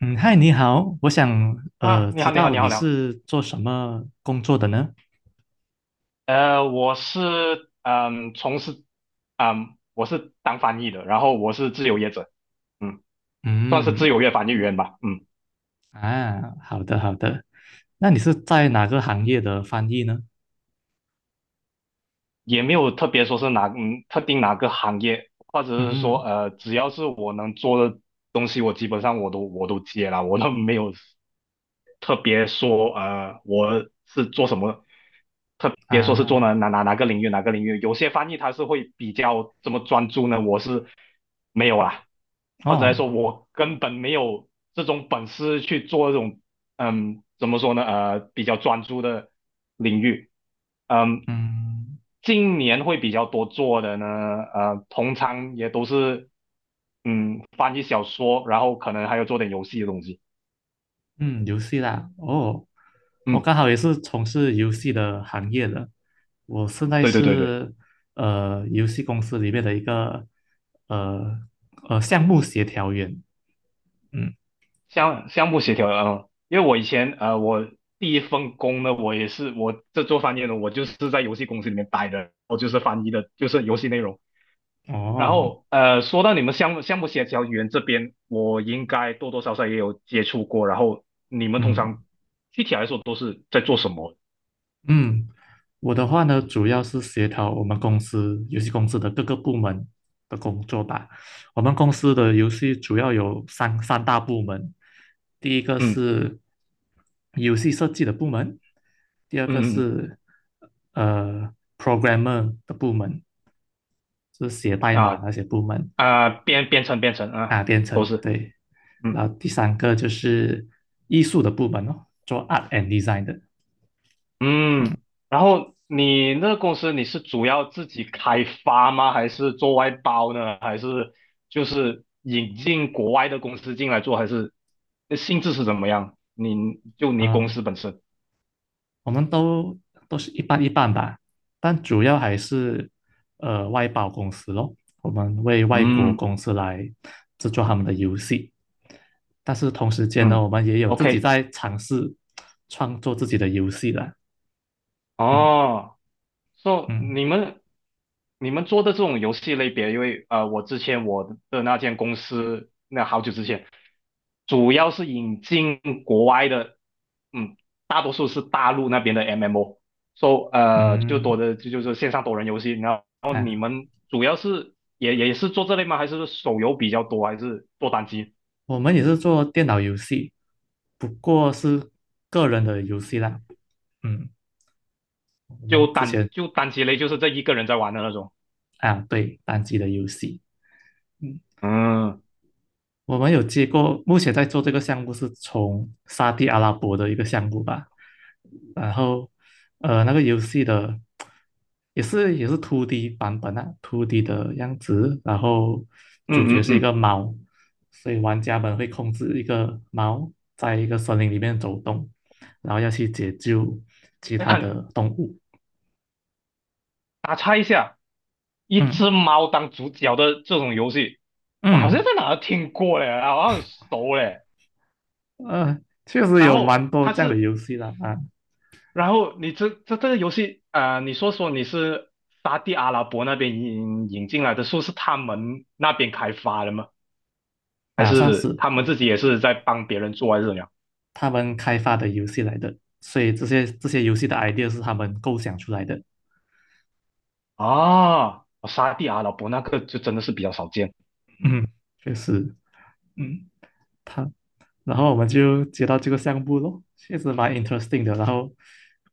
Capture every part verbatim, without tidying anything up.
嗯，嗨，你好，我想呃啊，你知好，你好，道你好，你你好。是做什么工作的呢？呃，我是嗯，从事嗯，我是当翻译的，然后我是自由业者，嗯，算是嗯，自由业翻译员吧，嗯，啊，好的好的，那你是在哪个行业的翻译呢？也没有特别说是哪嗯特定哪个行业，或者是说嗯，呃，只要是我能做的东西，我基本上我都我都接了，我都没有特别说呃我是做什么，特别说是做啊，哪哪哪哪个领域哪个领域，有些翻译他是会比较这么专注呢，我是没有啦，或者来哦，说我根本没有这种本事去做这种嗯怎么说呢呃比较专注的领域，嗯。嗯今年会比较多做的呢，呃，通常也都是，嗯，翻译小说，然后可能还有做点游戏的东西。嗯，游戏啦，哦，我嗯，刚好也是从事游戏的行业的，我现在对对对对。是呃游戏公司里面的一个呃呃项目协调员，嗯，项项目协调的，嗯，因为我以前呃，我第一份工呢，我也是我这做翻译的，我就是在游戏公司里面待的，我就是翻译的，就是游戏内容。然哦，后呃，说到你们项目项目协调员这边，我应该多多少少也有接触过。然后你们通嗯。常具体来说都是在做什么？嗯。我的话呢，主要是协调我们公司游戏公司的各个部门的工作吧。我们公司的游戏主要有三三大部门，第一个是游戏设计的部门，第二嗯个嗯嗯是呃 programmer 的部门，就是写代嗯码啊，那些部门啊，编编程编程啊，啊，编都程是对。嗯。然后第三个就是艺术的部门哦，做 art and design 的，嗯嗯，然后你那个公司你是主要自己开发吗？还是做外包呢？还是就是引进国外的公司进来做？还是性质是怎么样？你就你公啊。司本身？我们都都是一半一半吧，但主要还是呃外包公司咯，我们为外国嗯公司来制作他们的游戏。但是同时间呢，嗯我们也有自己，OK，在尝试创作自己的游戏啦。嗯哦。So 嗯你们你们做的这种游戏类别，因为呃，我之前我的那间公司，那好久之前，主要是引进国外的，嗯，大多数是大陆那边的 M M O。So 呃，就多嗯，的就就是线上多人游戏。然后你哎，们主要是也也是做这类吗？还是手游比较多，还是做单机？我们也是做电脑游戏，不过是个人的游戏啦。嗯，我就们之单前就单机类，就是这一个人在玩的那种。啊，对，单机的游戏。嗯嗯我们有接过，目前在做这个项目是从沙地阿拉伯的一个项目吧，然后呃那个游戏的也是也是 二 D 版本啊，二 D 的样子，然后主角嗯嗯是一个嗯，猫，所以玩家们会控制一个猫在一个森林里面走动，然后要去解救其哎，他很的动物。打岔一下。一嗯只猫当主角的这种游戏，我好像嗯，在哪儿听过嘞，好像很熟嘞。呃，确实然有后蛮多它这样的是，游戏的啊然后你这这这个游戏，啊，你说说你是沙地阿拉伯那边引引进来的，说是他们那边开发的吗？还啊，算是是。他们自己也是在帮别人做，还是怎么样？他们开发的游戏来的，所以这些这些游戏的 idea 是他们构想出来的。啊，沙地阿拉伯那个就真的是比较少见。嗯，确实，嗯，他，然后我们就接到这个项目咯，确实蛮 interesting 的。然后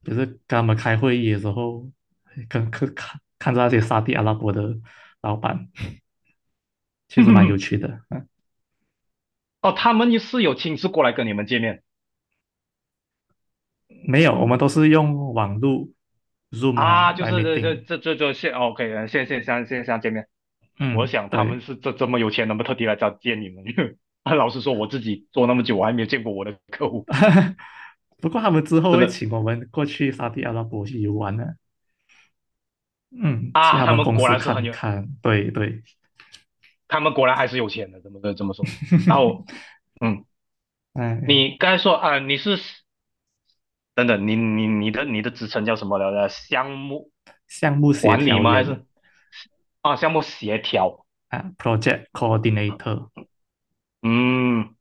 也是跟他们开会议的时候，跟看看看着那些沙地阿拉伯的老板，确实蛮有趣 的。嗯，哦，他们也是有亲自过来跟你们见面没有，我们都是用网络 Zoom 啊啊，就来 是这这 meeting。这这这现 OK，现现现现现见面。我嗯，想他们对。是这这么有钱，能不能特地来找见你们？因为老实说，我自己做那么久，我还没有见过我的客户，不过他们之后真会的请我们过去沙地阿拉伯去游玩的。嗯，去啊，他他们们公果司然是很看有，看，对对，他们果然还是有钱的，怎么的这么说？然后，嗯，哎，你刚才说啊，你是等等，你你你的你的职称叫什么来着？项目项目协管理调吗？还员是啊，项目协调？啊，project coordinator,嗯，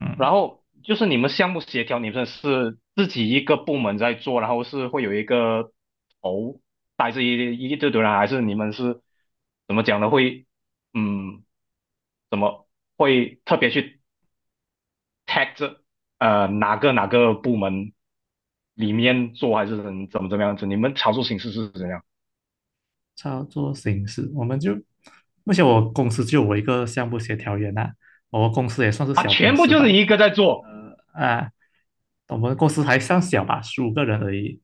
嗯，然后就是你们项目协调，你们是自己一个部门在做，然后是会有一个头带着一一堆堆人，还是你们是怎么讲呢？会嗯，怎么会特别去 tag 这呃哪个哪个部门里面做，还是怎怎么怎么样子？你们操作形式是怎样操作形式，我们就，目前我公司就我一个项目协调员啊，我们公司也算是啊？小公全部司就是吧，一个在做啊，我们公司还算小吧，十五个人而已，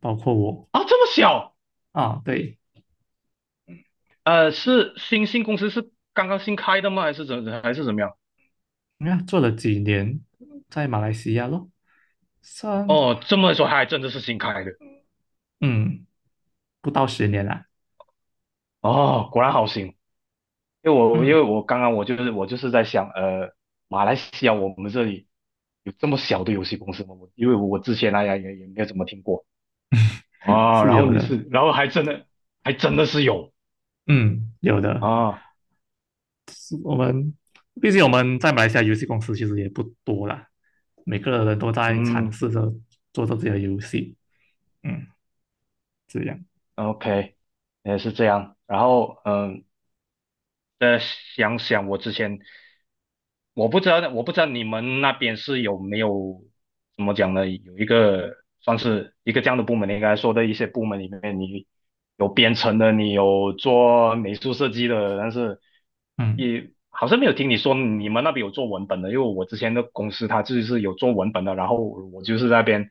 包括我啊，这么小？啊，对，呃，是新新公司是刚刚新开的吗？还是怎还是怎么样？你看做了几年，在马来西亚咯，算，哦，这么说还真的是新开的。嗯，不到十年啦，哦，果然好行，因为我因嗯，为我刚刚我就是我就是在想，呃，马来西亚我们这里有这么小的游戏公司吗？我因为我之前大呀也也没有怎么听过啊，是然后有你的，是，然后还真的还真的是有嗯，有的。啊，我们毕竟我们在马来西亚游戏公司其实也不多啦，每个人都在尝嗯试着做着自己的游戏，嗯，这样，，OK，也是这样。然后嗯，再想想我之前。我不知道，我不知道你们那边是有没有怎么讲呢？有一个算是一个这样的部门，你刚才说的一些部门里面，你有编程的，你有做美术设计的，但是嗯也好像没有听你说你们那边有做文本的，因为我之前的公司它就是有做文本的，然后我就是在那边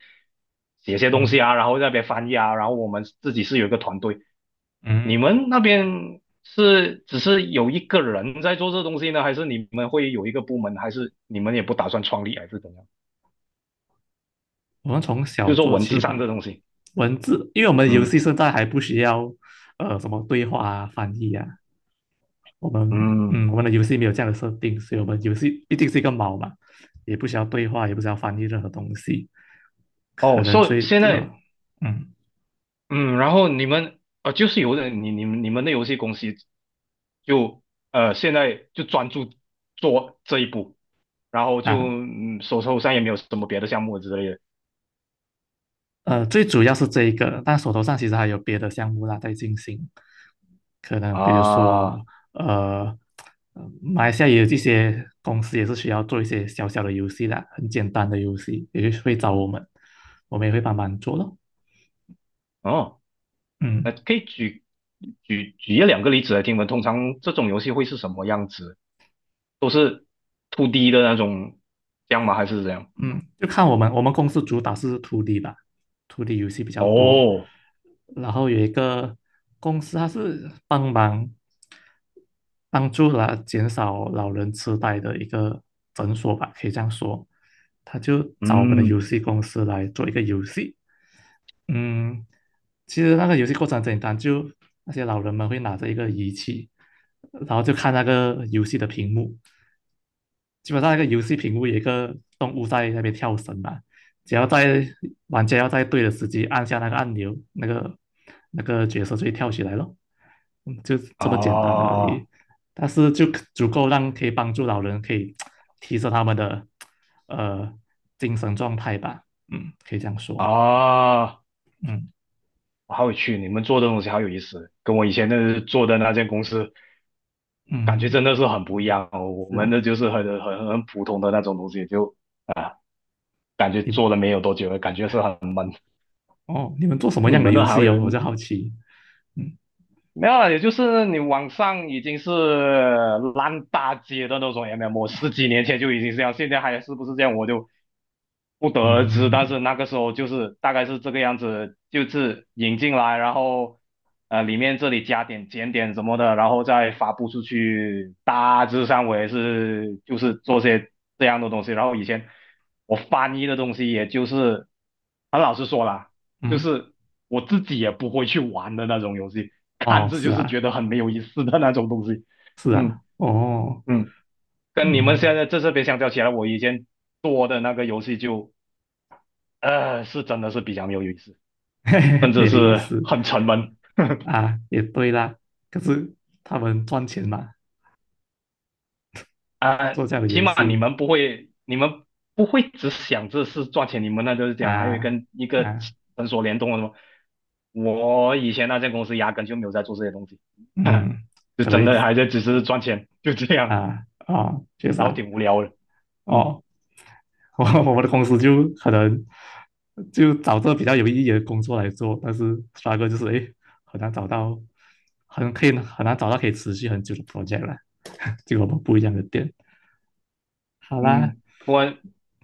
写些东嗯西啊，然后在那边翻译啊，然后我们自己是有一个团队，你嗯，们那边是只是有一个人在做这东西呢，还是你们会有一个部门，还是你们也不打算创立，还是怎样？我们从就小是说做文字起上吧。这东西，文字，因为我们游嗯戏现在还不需要呃什么对话啊、翻译啊，我们嗯，嗯我们的游戏没有这样的设定，所以我们游戏一定是一个猫嘛，也不需要对话，也不需要翻译任何东西，可哦，能所以最现呃在嗯嗯，然后你们呃，就是有的你你们你们的游戏公司就呃现在就专注做这一步，然后就啊嗯手头上也没有什么别的项目之类的呃，最主要是这一个，但手头上其实还有别的项目啦在进行，可能比如说啊，呃，呃马来西亚也有一些公司也是需要做一些小小的游戏啦，很简单的游戏，也就会找我们，我们也会帮忙做咯。哦。呃，嗯。可以举举举一两个例子来听闻，通常这种游戏会是什么样子？都是 two d 的那种，这样吗？还是怎样？嗯，就看我们我们公司主打是 二 D 吧，二 D 游戏比较多。哦，然后有一个公司，它是帮忙帮助啦减少老人痴呆的一个诊所吧，可以这样说。他就找我们的嗯，游戏公司来做一个游戏。嗯，其实那个游戏过程很简单，就那些老人们会拿着一个仪器，然后就看那个游戏的屏幕，基本上那个游戏屏幕有一个动物在那边跳绳嘛，只要在玩家要在对的时机按下那个按钮，那个那个角色就会跳起来咯。嗯就这么简单而啊已。但是就足够让可以帮助老人可以提升他们的呃精神状态吧。嗯，可以这样说。啊，嗯好有趣！你们做的东西好有意思，跟我以前那做的那间公司感觉嗯，真的是很不一样哦。我是们啊，的就是很很很普通的那种东西，就啊，感觉做你了没有多久，感觉是很，哦，你们做什么你样的们游的还戏有哦？我就好奇。嗯没有了，也就是你网上已经是烂大街的那种 M M，我十几年前就已经是这样，现在还是不是这样，我就不得而知。但嗯是那个时候就是大概是这个样子，就是引进来，然后呃里面这里加点减点什么的，然后再发布出去。大致上我也是就是做些这样的东西。然后以前我翻译的东西，也就是很老实说啦，就嗯，嗯是我自己也不会去玩的那种游戏，看哦，着是就是啊觉得很没有意思的那种东西。是嗯啊，哦，嗯，跟你们现嗯。在在这边相较起来，我以前做的那个游戏就呃是真的是比较没有意思，嘿甚嘿，没至有意是思很沉闷啊，也对啦。可是他们赚钱嘛，啊，做这样的起游码你戏们不会，你们不会只想着是赚钱，你们那就是讲还有啊跟一个啊，诊所联动的什么。我以前那间公司压根就没有在做这些东西，嗯，就可能真会的还在只是赚钱，就这样。啊哦，确实然后啊，挺无聊的。嗯哦，我我们的公司就可能就找这比较有意义的工作来做，但是刷 t 就是诶，很难找到，很可以很难找到可以持续很久的 project 啦，这个我们不一样的点。好啦，嗯，不过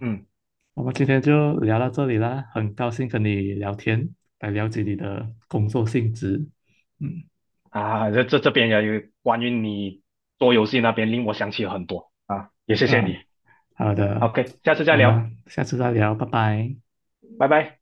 嗯我们今天就聊到这里啦，很高兴跟你聊天，来了解你的工作性质。嗯啊，这这这边也有关于你做游戏那边令我想起了很多啊，也谢谢啊，你。好的，OK，下次再我聊，们下次再聊，拜拜。拜拜。